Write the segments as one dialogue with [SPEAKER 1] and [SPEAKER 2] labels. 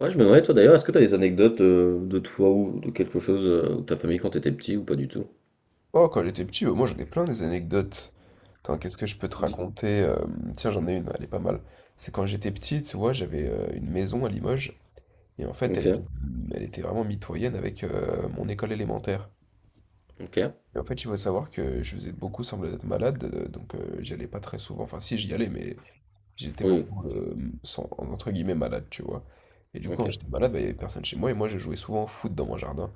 [SPEAKER 1] Ouais, je me demandais, toi d'ailleurs, est-ce que t'as des anecdotes de toi ou de quelque chose ou de ta famille quand t'étais petit ou pas du tout?
[SPEAKER 2] Oh, quand j'étais petit, moi j'en ai plein des anecdotes. Attends, qu'est-ce que je peux te
[SPEAKER 1] Oui.
[SPEAKER 2] raconter? Tiens, j'en ai une, elle est pas mal. C'est quand j'étais petit, tu vois, j'avais une maison à Limoges, et en fait, elle
[SPEAKER 1] Ok,
[SPEAKER 2] était, elle était vraiment mitoyenne avec mon école élémentaire.
[SPEAKER 1] ok,
[SPEAKER 2] Et en fait, il faut savoir que je faisais beaucoup semblant d'être malade, donc j'y allais pas très souvent. Enfin, si, j'y allais, mais j'étais
[SPEAKER 1] oui,
[SPEAKER 2] beaucoup, entre guillemets, malade, tu vois. Et du coup, quand
[SPEAKER 1] ok.
[SPEAKER 2] j'étais malade, bah, il y avait personne chez moi, et moi, je jouais souvent au foot dans mon jardin.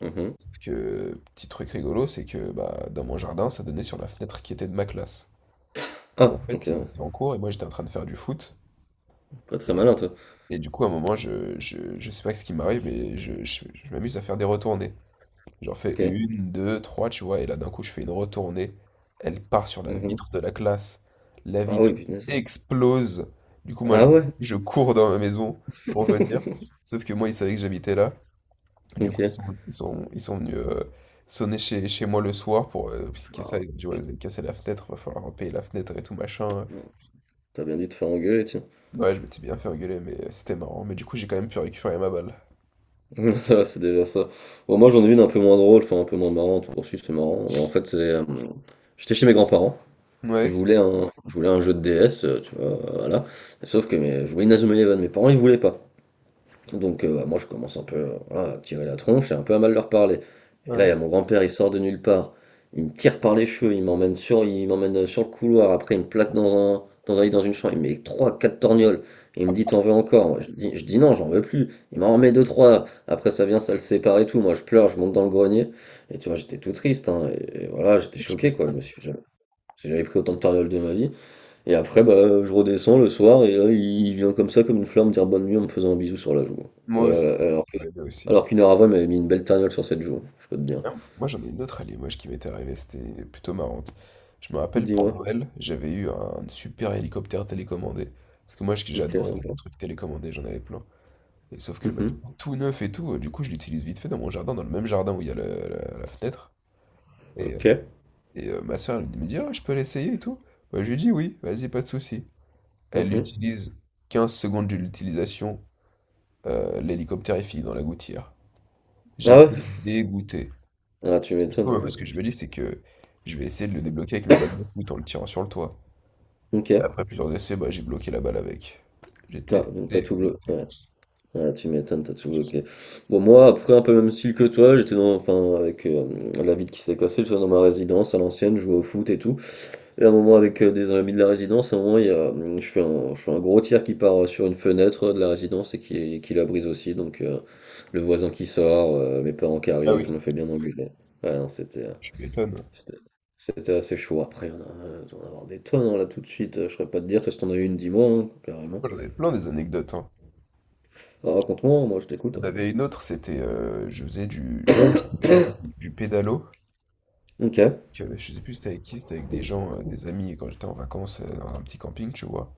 [SPEAKER 1] Mhm.
[SPEAKER 2] Que petit truc rigolo, c'est que bah, dans mon jardin, ça donnait sur la fenêtre qui était de ma classe. Et
[SPEAKER 1] Ah,
[SPEAKER 2] en
[SPEAKER 1] ok,
[SPEAKER 2] fait, ils
[SPEAKER 1] ouais.
[SPEAKER 2] étaient en cours et moi j'étais en train de faire du foot.
[SPEAKER 1] Pas très malin toi.
[SPEAKER 2] Et du coup, à un moment, je sais pas ce qui m'arrive, mais je m'amuse à faire des retournées. J'en fais
[SPEAKER 1] Ok.
[SPEAKER 2] une, deux, trois, tu vois, et là d'un coup, je fais une retournée. Elle part sur la
[SPEAKER 1] Mhm.
[SPEAKER 2] vitre de la classe. La
[SPEAKER 1] Ah
[SPEAKER 2] vitre
[SPEAKER 1] oui, punaise.
[SPEAKER 2] explose. Du coup, moi,
[SPEAKER 1] Ah
[SPEAKER 2] je,
[SPEAKER 1] ouais,
[SPEAKER 2] je cours dans ma maison pour venir. Sauf que moi, ils savaient que j'habitais là. Du coup, ils
[SPEAKER 1] ok.
[SPEAKER 2] sont, ils sont, ils sont venus sonner chez moi le soir pour expliquer ça.
[SPEAKER 1] Ah,
[SPEAKER 2] Ils ont dit, ouais, vous avez cassé la fenêtre, va falloir payer la fenêtre et tout machin.
[SPEAKER 1] ouais. T'as bien dû te faire engueuler, tiens.
[SPEAKER 2] Ouais, je m'étais bien fait engueuler, mais c'était marrant. Mais du coup, j'ai quand même pu récupérer ma balle.
[SPEAKER 1] Ça, c'est déjà ça. Bon, moi j'en ai une un peu moins drôle, enfin un peu moins marrante. Bon, si, c'est marrant. Bah, en fait, c'est. J'étais chez mes grands-parents. Je
[SPEAKER 2] Ouais,
[SPEAKER 1] voulais un, je voulais un jeu de DS, tu vois, voilà. Sauf que je voulais Inazuma Eleven, mes parents ils voulaient pas. Donc bah, moi je commence un peu voilà, à tirer la tronche et un peu à mal leur parler. Et là il
[SPEAKER 2] ouais.
[SPEAKER 1] y a mon grand-père, il sort de nulle part, il me tire par les cheveux, il m'emmène sur le couloir, après il me plaque dans un lit dans une chambre, il me met trois quatre torgnoles. Il me dit t'en veux encore. Moi, je dis non, j'en veux plus. Il m'en remet deux trois. Après ça vient, ça le sépare et tout. Moi je pleure, je monte dans le grenier. Et tu vois j'étais tout triste, hein, et voilà j'étais
[SPEAKER 2] Tu
[SPEAKER 1] choqué quoi. Je
[SPEAKER 2] m'étonnes.
[SPEAKER 1] me suis jamais- J'avais pris autant de torgnoles de ma vie. Et après, bah, je redescends le soir et là, il vient comme ça, comme une fleur, me dire bonne nuit en me faisant un bisou sur la joue. Ouais,
[SPEAKER 2] Moi, ça m'était arrivé aussi.
[SPEAKER 1] Alors qu'une heure avant, il m'avait mis une belle tarniole sur cette joue, je peux te dire.
[SPEAKER 2] Ah, moi, j'en ai une autre à Limoges qui m'était arrivée, c'était plutôt marrante. Je me rappelle, pour
[SPEAKER 1] Dis-moi.
[SPEAKER 2] Noël, j'avais eu un super hélicoptère télécommandé. Parce que moi,
[SPEAKER 1] Ok,
[SPEAKER 2] j'adorais les
[SPEAKER 1] sympa.
[SPEAKER 2] trucs télécommandés, j'en avais plein. Et sauf que bah, du
[SPEAKER 1] Mhm.
[SPEAKER 2] coup, tout neuf et tout, du coup, je l'utilise vite fait dans mon jardin, dans le même jardin où il y a la fenêtre. Et, euh,
[SPEAKER 1] Ok.
[SPEAKER 2] et ma soeur, elle me dit, ah, je peux l'essayer et tout. Bah, je lui dis, oui, vas-y, pas de souci. Elle
[SPEAKER 1] Mhm.
[SPEAKER 2] l'utilise 15 secondes de l'utilisation, l'hélicoptère est fini dans la gouttière.
[SPEAKER 1] Ah ouais?
[SPEAKER 2] J'étais dégoûté.
[SPEAKER 1] Ah, tu
[SPEAKER 2] Du coup,
[SPEAKER 1] m'étonnes,
[SPEAKER 2] bah,
[SPEAKER 1] ouais.
[SPEAKER 2] ce que je me dis, c'est que je vais essayer de le débloquer avec mes balles de foot en le tirant sur le toit.
[SPEAKER 1] Ok.
[SPEAKER 2] Après plusieurs essais, bah, j'ai bloqué la balle avec.
[SPEAKER 1] Ah,
[SPEAKER 2] J'étais
[SPEAKER 1] donc t'as
[SPEAKER 2] dé...
[SPEAKER 1] tout bloqué. Ouais. Ah, tu m'étonnes, t'as tout bloqué. Bon, moi, après, un peu même style que toi, enfin, avec la ville qui s'est cassée, j'étais dans ma résidence à l'ancienne, je jouais au foot et tout. Et à un moment avec des amis de la résidence, à un moment je fais un gros tir qui part sur une fenêtre de la résidence et qui la brise aussi. Donc le voisin qui sort, mes parents qui
[SPEAKER 2] Ah
[SPEAKER 1] arrivent,
[SPEAKER 2] oui,
[SPEAKER 1] je me fais bien engueuler. Ouais, non,
[SPEAKER 2] je m'étonne.
[SPEAKER 1] c'était, c'était assez chaud. Après, on a avoir des tonnes hein, là tout de suite. Je saurais pas te dire, toi si t'en as eu une, dis-moi hein, carrément.
[SPEAKER 2] Moi, j'en ai plein des anecdotes, hein.
[SPEAKER 1] Alors, raconte-moi, moi je
[SPEAKER 2] J'en
[SPEAKER 1] t'écoute.
[SPEAKER 2] avait une autre, c'était, je faisais du pédalo.
[SPEAKER 1] Ok,
[SPEAKER 2] Que bah, je sais plus c'était avec qui, c'était avec des gens, des amis, quand j'étais en vacances dans un petit camping, tu vois.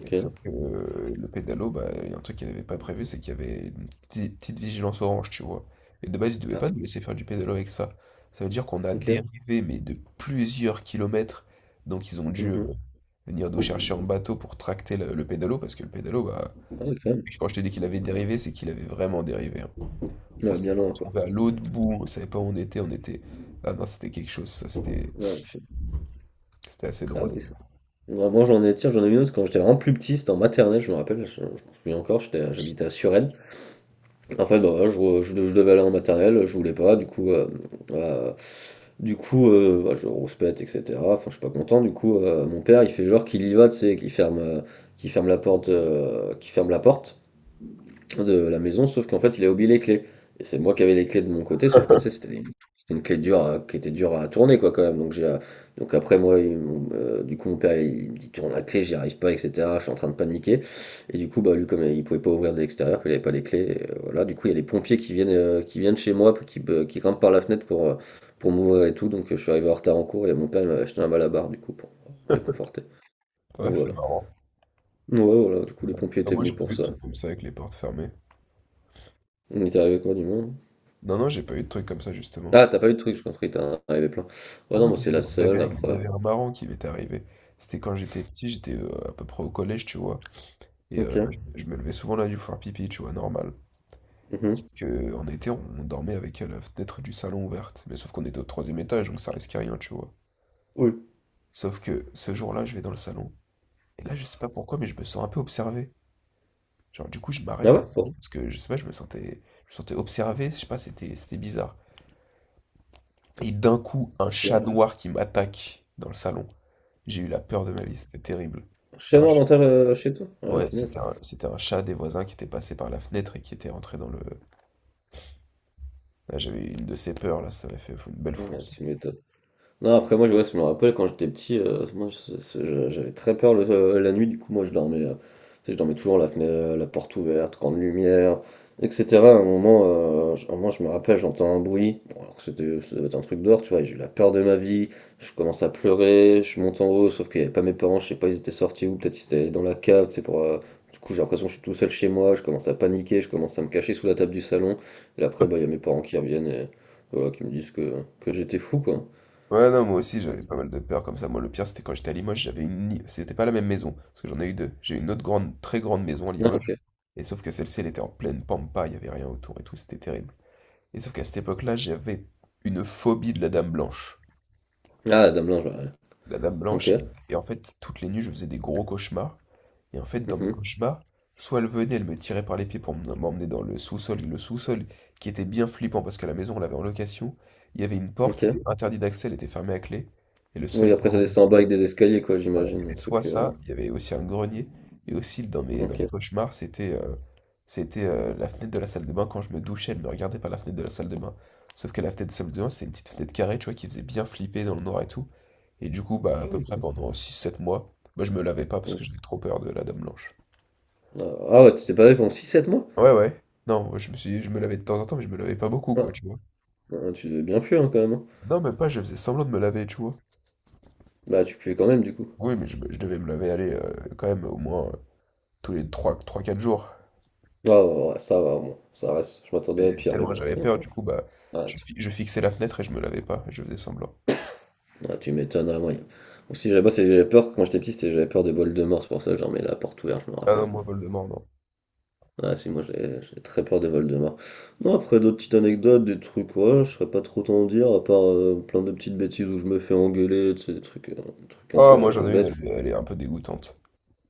[SPEAKER 2] Et sauf que le pédalo, bah, il y a un truc qu'ils n'avaient pas prévu, c'est qu'il y avait une petite, petite vigilance orange, tu vois. Et de base, ils ne devaient
[SPEAKER 1] ah,
[SPEAKER 2] pas nous laisser faire du pédalo avec ça. Ça veut dire qu'on a
[SPEAKER 1] ok,
[SPEAKER 2] dérivé, mais de plusieurs kilomètres. Donc ils ont dû
[SPEAKER 1] mhm.
[SPEAKER 2] venir nous chercher en bateau pour tracter le pédalo, parce que le pédalo, bah,
[SPEAKER 1] Ah, ouais, quand même.
[SPEAKER 2] quand je te dis qu'il avait dérivé, c'est qu'il avait vraiment dérivé, hein. On
[SPEAKER 1] Ouais,
[SPEAKER 2] s'est
[SPEAKER 1] bien loin quoi.
[SPEAKER 2] retrouvé à l'autre bout, on savait pas où on était, on était. Ah non, c'était quelque chose, ça, c'était
[SPEAKER 1] Ouais,
[SPEAKER 2] c'était assez
[SPEAKER 1] ah
[SPEAKER 2] drôle
[SPEAKER 1] oui,
[SPEAKER 2] d'ailleurs.
[SPEAKER 1] non, moi j'en ai, tiens, j'en ai une autre quand j'étais vraiment plus petit, c'était en maternelle, je me rappelle, je m'en souviens encore, j'habitais à Suresnes. En fait, bah, voilà, je devais aller en maternelle, je voulais pas, euh, bah, je rouspète, etc. Enfin, je suis pas content, du coup, mon père, il fait genre qu'il y va, tu sais, qu'il ferme la porte, qu'il ferme la porte de la maison, sauf qu'en fait, il a oublié les clés. Et c'est moi qui avais les clés de mon côté, sauf que tu sais, c'était une clé qui était dure à tourner, quoi, quand même. Donc, après, moi, du coup, mon père, il me dit, tourne la clé, j'y arrive pas, etc. Je suis en train de paniquer. Et du coup, bah, lui, comme il pouvait pas ouvrir de l'extérieur, qu'il avait pas les clés, voilà. Du coup, il y a les pompiers qui viennent chez moi, qui grimpent par la fenêtre pour m'ouvrir et tout. Donc, je suis arrivé en retard en cours et mon père il m'a acheté un malabar, du coup, pour me réconforter. Donc,
[SPEAKER 2] Ouais, c'est
[SPEAKER 1] voilà.
[SPEAKER 2] marrant.
[SPEAKER 1] Ouais, voilà. Du coup, les
[SPEAKER 2] Voilà.
[SPEAKER 1] pompiers
[SPEAKER 2] Ah,
[SPEAKER 1] étaient
[SPEAKER 2] moi, j'ai
[SPEAKER 1] venus
[SPEAKER 2] pas
[SPEAKER 1] pour
[SPEAKER 2] eu de
[SPEAKER 1] ça.
[SPEAKER 2] trucs comme ça avec les portes fermées.
[SPEAKER 1] On est arrivé quoi, du moins?
[SPEAKER 2] Non, non, j'ai pas eu de trucs comme ça justement.
[SPEAKER 1] Ah, t'as pas eu de truc, j'ai compris, t'en avais plein. Ouais,
[SPEAKER 2] Ah
[SPEAKER 1] non,
[SPEAKER 2] non,
[SPEAKER 1] moi,
[SPEAKER 2] mais
[SPEAKER 1] c'est la
[SPEAKER 2] il y en avait,
[SPEAKER 1] seule,
[SPEAKER 2] il y en
[SPEAKER 1] après.
[SPEAKER 2] avait un marrant qui m'était arrivé. C'était quand j'étais petit, j'étais à peu près au collège, tu vois. Et
[SPEAKER 1] Ok.
[SPEAKER 2] bah, je me levais souvent la nuit pour faire pipi, tu vois, normal. Sauf
[SPEAKER 1] Mhm.
[SPEAKER 2] que, en été, on dormait avec la fenêtre du salon ouverte. Mais sauf qu'on était au troisième étage, donc ça risquait rien, tu vois.
[SPEAKER 1] Oui.
[SPEAKER 2] Sauf que ce jour-là, je vais dans le salon. Et là, je sais pas pourquoi, mais je me sens un peu observé. Genre, du coup, je m'arrête
[SPEAKER 1] Ah
[SPEAKER 2] dans le
[SPEAKER 1] ouais? Bon,
[SPEAKER 2] salon parce que je sais pas, je me sentais observé. Je sais pas, c'était bizarre. Et d'un coup, un chat
[SPEAKER 1] ok.
[SPEAKER 2] noir qui m'attaque dans le salon. J'ai eu la peur de ma vie. C'était terrible. C'était
[SPEAKER 1] Chez
[SPEAKER 2] un
[SPEAKER 1] moi,
[SPEAKER 2] chat.
[SPEAKER 1] chez toi? Ouais,
[SPEAKER 2] Ouais,
[SPEAKER 1] punaise.
[SPEAKER 2] c'était un chat des voisins qui était passé par la fenêtre et qui était rentré dans le. Là, j'avais une de ces peurs là. Ça m'a fait une belle
[SPEAKER 1] Ouais,
[SPEAKER 2] frousse.
[SPEAKER 1] tu m'étonnes. Non, après, moi, ouais, je me rappelle quand j'étais petit, moi, j'avais très peur la nuit, du coup, moi, je dormais, tu sais, je dormais toujours la fenêtre, la porte ouverte, grande lumière, etc. À un moment, je me rappelle, j'entends un bruit, bon, alors que c'était ça devait être un truc dehors, tu vois, et j'ai eu la peur de ma vie, je commence à pleurer, je monte en haut, sauf qu'il n'y avait pas mes parents, je sais pas, ils étaient sortis ou peut-être ils étaient allés dans la cave, tu sais, pour. Du coup, j'ai l'impression que je suis tout seul chez moi, je commence à paniquer, je commence à me cacher sous la table du salon, et après, bah, il y a mes parents qui reviennent et voilà, qui me disent que j'étais fou, quoi.
[SPEAKER 2] Ouais, non, moi aussi, j'avais pas mal de peur comme ça. Moi, le pire, c'était quand j'étais à Limoges, j'avais une. C'était pas la même maison, parce que j'en ai eu deux. J'ai eu une autre grande, très grande maison à
[SPEAKER 1] Ah,
[SPEAKER 2] Limoges,
[SPEAKER 1] ok.
[SPEAKER 2] et sauf que celle-ci, elle était en pleine pampa, il y avait rien autour et tout, c'était terrible. Et sauf qu'à cette époque-là, j'avais une phobie de la Dame Blanche.
[SPEAKER 1] Ah, Dame Blanche, ouais.
[SPEAKER 2] La Dame
[SPEAKER 1] Ok.
[SPEAKER 2] Blanche, et en fait, toutes les nuits, je faisais des gros cauchemars, et en fait, dans mes
[SPEAKER 1] Mhm.
[SPEAKER 2] cauchemars, soit elle venait, elle me tirait par les pieds pour m'emmener dans le sous-sol, et le sous-sol, qui était bien flippant, parce que la maison, on l'avait en location, il y avait une porte,
[SPEAKER 1] Ok.
[SPEAKER 2] c'était interdit d'accès, elle était fermée à clé, et le sol
[SPEAKER 1] Oui,
[SPEAKER 2] était.
[SPEAKER 1] après ça descend en bas avec des escaliers, quoi,
[SPEAKER 2] Voilà, il y
[SPEAKER 1] j'imagine.
[SPEAKER 2] avait
[SPEAKER 1] Des
[SPEAKER 2] soit
[SPEAKER 1] trucs.
[SPEAKER 2] ça, il y avait aussi un grenier, et aussi dans mes
[SPEAKER 1] Ok.
[SPEAKER 2] cauchemars, c'était la fenêtre de la salle de bain. Quand je me douchais, elle me regardait par la fenêtre de la salle de bain. Sauf que la fenêtre de la salle de bain, c'était une petite fenêtre carrée, tu vois, qui faisait bien flipper dans le noir et tout. Et du coup, bah,
[SPEAKER 1] Ah
[SPEAKER 2] à peu
[SPEAKER 1] oui.
[SPEAKER 2] près pendant 6-7 mois, bah, je me lavais pas parce que j'avais
[SPEAKER 1] Ok.
[SPEAKER 2] trop peur de la Dame Blanche.
[SPEAKER 1] Ah ah ouais, tu t'es pas fait pendant 6-7 mois?
[SPEAKER 2] Ouais, ouais. Non, moi, je me lavais de temps en temps, mais je me lavais pas beaucoup,
[SPEAKER 1] Ah,
[SPEAKER 2] quoi, tu vois.
[SPEAKER 1] ah, tu devais bien puer, hein, quand même, hein.
[SPEAKER 2] Non, même pas, je faisais semblant de me laver, tu vois.
[SPEAKER 1] Bah, tu puais quand même, du coup.
[SPEAKER 2] Oui, mais je devais me laver, aller quand même au moins tous les 3-4 jours.
[SPEAKER 1] Ah, ouais, ouais, ouais, ça va, bon. Ça reste. Je
[SPEAKER 2] Et
[SPEAKER 1] m'attendais à pire, mais
[SPEAKER 2] tellement
[SPEAKER 1] bon.
[SPEAKER 2] j'avais peur, du coup, bah,
[SPEAKER 1] Ah,
[SPEAKER 2] je fixais la fenêtre et je me lavais pas, et je faisais semblant.
[SPEAKER 1] tu m'étonnes, à moi. Aussi, là-bas, j'avais peur, quand j'étais petit, j'avais peur des bols de mort, c'est pour ça que j'en mets la porte ouverte, je me
[SPEAKER 2] Ah
[SPEAKER 1] rappelle.
[SPEAKER 2] non, moi, Voldemort, non.
[SPEAKER 1] Ah si, moi j'ai très peur des Voldemort. Non, après d'autres petites anecdotes, des trucs, ouais, je serais pas trop t'en dire, à part plein de petites bêtises où je me fais engueuler, tu sais, des trucs un
[SPEAKER 2] Ah,
[SPEAKER 1] peu,
[SPEAKER 2] moi,
[SPEAKER 1] un peu
[SPEAKER 2] j'en ai une,
[SPEAKER 1] bêtes.
[SPEAKER 2] elle est un peu dégoûtante.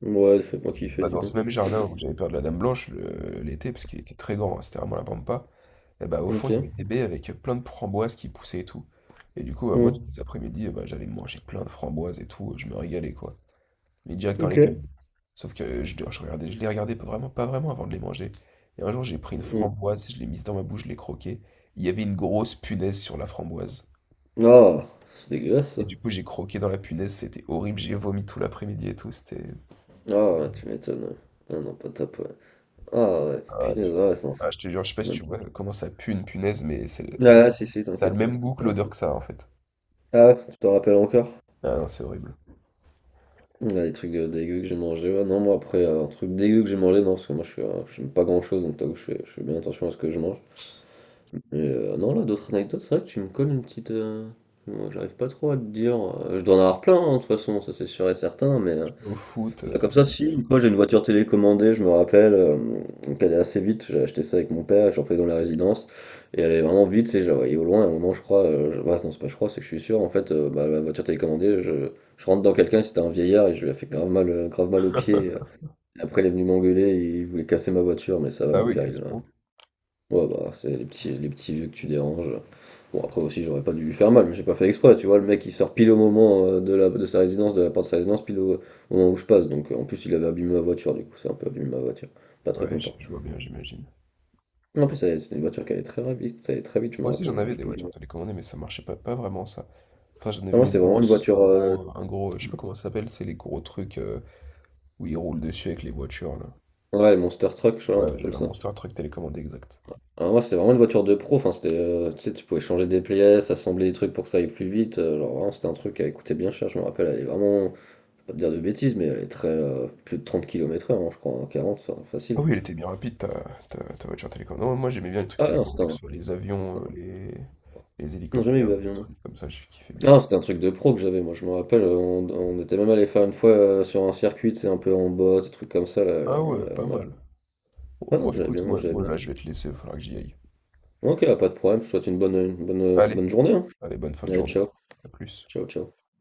[SPEAKER 1] Ouais, fais-moi kiffer,
[SPEAKER 2] Bah, dans
[SPEAKER 1] dis-moi.
[SPEAKER 2] ce même jardin où j'avais peur de la Dame Blanche l'été, parce qu'il était très grand, hein, c'était vraiment la pampa, et bah, au fond,
[SPEAKER 1] Ok.
[SPEAKER 2] il y avait des baies avec plein de framboises qui poussaient et tout. Et du coup, bah, moi, tous
[SPEAKER 1] Hum,
[SPEAKER 2] les après-midi, bah, j'allais manger plein de framboises et tout, je me régalais, quoi. Mais direct dans
[SPEAKER 1] ok.
[SPEAKER 2] l'écueil. Sauf que je les regardais pas vraiment avant de les manger. Et un jour, j'ai pris une
[SPEAKER 1] Hum.
[SPEAKER 2] framboise, je l'ai mise dans ma bouche, je l'ai croquée. Il y avait une grosse punaise sur la framboise.
[SPEAKER 1] Ah, c'est dégueulasse ça.
[SPEAKER 2] Et du coup, j'ai croqué dans la punaise, c'était horrible, j'ai vomi tout l'après-midi et tout. C'était.
[SPEAKER 1] Ah, ouais, tu m'étonnes. Ah non, pas top, ouais. Ah ouais,
[SPEAKER 2] Ah,
[SPEAKER 1] punaise, ouais, ça.
[SPEAKER 2] je te jure, je sais pas si tu vois comment ça pue une punaise, mais c'est en fait,
[SPEAKER 1] Ah si, si,
[SPEAKER 2] ça a le
[SPEAKER 1] t'inquiète pas.
[SPEAKER 2] même goût que
[SPEAKER 1] Ouais.
[SPEAKER 2] l'odeur que ça, en fait.
[SPEAKER 1] Ah, tu t'en rappelles encore?
[SPEAKER 2] Ah non, c'est horrible.
[SPEAKER 1] Ouais, les trucs dégueu que j'ai mangé, ouais. Non, moi après, un truc dégueu que j'ai mangé, non, parce que moi j'aime pas grand chose, donc t'avoue, je fais bien attention à ce que je mange. Mais non, là, d'autres anecdotes, c'est vrai que tu me colles une petite. Moi, j'arrive pas trop à te dire. Je dois en avoir plein, hein, de toute façon, ça c'est sûr et certain, mais
[SPEAKER 2] Au foot.
[SPEAKER 1] bah, comme ça, si, une fois j'ai une voiture télécommandée, je me rappelle, donc est assez vite, j'ai acheté ça avec mon père, j'en faisais dans la résidence, et elle est vraiment vite, je la voyais au loin, à un moment je crois, bah, non c'est pas je crois, c'est que je suis sûr, en fait, bah, la voiture télécommandée, je rentre dans quelqu'un, c'était un vieillard, et je lui ai fait grave mal, au pied, et après il est venu m'engueuler, et il voulait casser ma voiture, mais ça va,
[SPEAKER 2] Ah
[SPEAKER 1] mon
[SPEAKER 2] oui,
[SPEAKER 1] père
[SPEAKER 2] à
[SPEAKER 1] il,
[SPEAKER 2] ce point.
[SPEAKER 1] Ouais, bah, c'est les petits vieux que tu déranges. Bon, après aussi, j'aurais pas dû lui faire mal, mais j'ai pas fait exprès, tu vois. Le mec, il sort pile au moment de sa résidence, de la porte de sa résidence, pile au moment où je passe. Donc, en plus, il avait abîmé ma voiture, du coup, c'est un peu abîmé ma voiture. Pas très
[SPEAKER 2] Ouais, je
[SPEAKER 1] content.
[SPEAKER 2] je vois bien, j'imagine.
[SPEAKER 1] En plus, c'était une voiture qui allait très vite, ça allait très vite, je me
[SPEAKER 2] Moi aussi j'en
[SPEAKER 1] rappelle, je
[SPEAKER 2] avais
[SPEAKER 1] sais
[SPEAKER 2] des
[SPEAKER 1] plus.
[SPEAKER 2] voitures télécommandées, mais ça marchait pas, pas vraiment ça. Enfin j'en
[SPEAKER 1] Non,
[SPEAKER 2] avais
[SPEAKER 1] moi,
[SPEAKER 2] une
[SPEAKER 1] c'est vraiment une
[SPEAKER 2] grosse,
[SPEAKER 1] voiture.
[SPEAKER 2] un gros, un gros, je sais pas comment ça s'appelle, c'est les gros trucs où ils roulent dessus avec les voitures là.
[SPEAKER 1] Ouais, Monster Truck, je crois, un
[SPEAKER 2] Ouais,
[SPEAKER 1] truc comme
[SPEAKER 2] j'avais un
[SPEAKER 1] ça.
[SPEAKER 2] Monster Truck télécommandé exact.
[SPEAKER 1] Alors, moi, c'est vraiment une voiture de pro, enfin, c'était. Tu sais, tu pouvais changer des pièces, assembler des trucs pour que ça aille plus vite. Alors, vraiment, c'était un truc qui coûtait bien cher, je me rappelle, elle est vraiment. Pas te dire de bêtises, mais elle est très plus de 30 km/h hein, je crois, hein, 40, enfin,
[SPEAKER 2] Ah
[SPEAKER 1] facile.
[SPEAKER 2] oui, elle était bien rapide ta, voiture télécommandée. Non, moi j'aimais bien les trucs
[SPEAKER 1] Ah ouais, non, c'était
[SPEAKER 2] télécommandés, que
[SPEAKER 1] un.
[SPEAKER 2] ce soit les avions, les
[SPEAKER 1] Non, jamais eu
[SPEAKER 2] hélicoptères, des
[SPEAKER 1] l'avion, non.
[SPEAKER 2] trucs comme ça, j'ai kiffé bien.
[SPEAKER 1] Non, c'était un truc de pro que j'avais, moi je me rappelle, on était même allé faire une fois sur un circuit, c'est un peu en bosse, des trucs comme ça, là,
[SPEAKER 2] Ah ouais, pas
[SPEAKER 1] on avait...
[SPEAKER 2] mal. Bon,
[SPEAKER 1] Ah non,
[SPEAKER 2] moi
[SPEAKER 1] j'avais
[SPEAKER 2] écoute,
[SPEAKER 1] bien,
[SPEAKER 2] moi,
[SPEAKER 1] j'avais
[SPEAKER 2] moi
[SPEAKER 1] bien.
[SPEAKER 2] là je vais te laisser, il va falloir que j'y aille.
[SPEAKER 1] Ok, pas de problème, je te souhaite bonne
[SPEAKER 2] Allez,
[SPEAKER 1] journée, hein.
[SPEAKER 2] allez, bonne fin de
[SPEAKER 1] Allez,
[SPEAKER 2] journée.
[SPEAKER 1] ciao,
[SPEAKER 2] À plus.
[SPEAKER 1] ciao, ciao.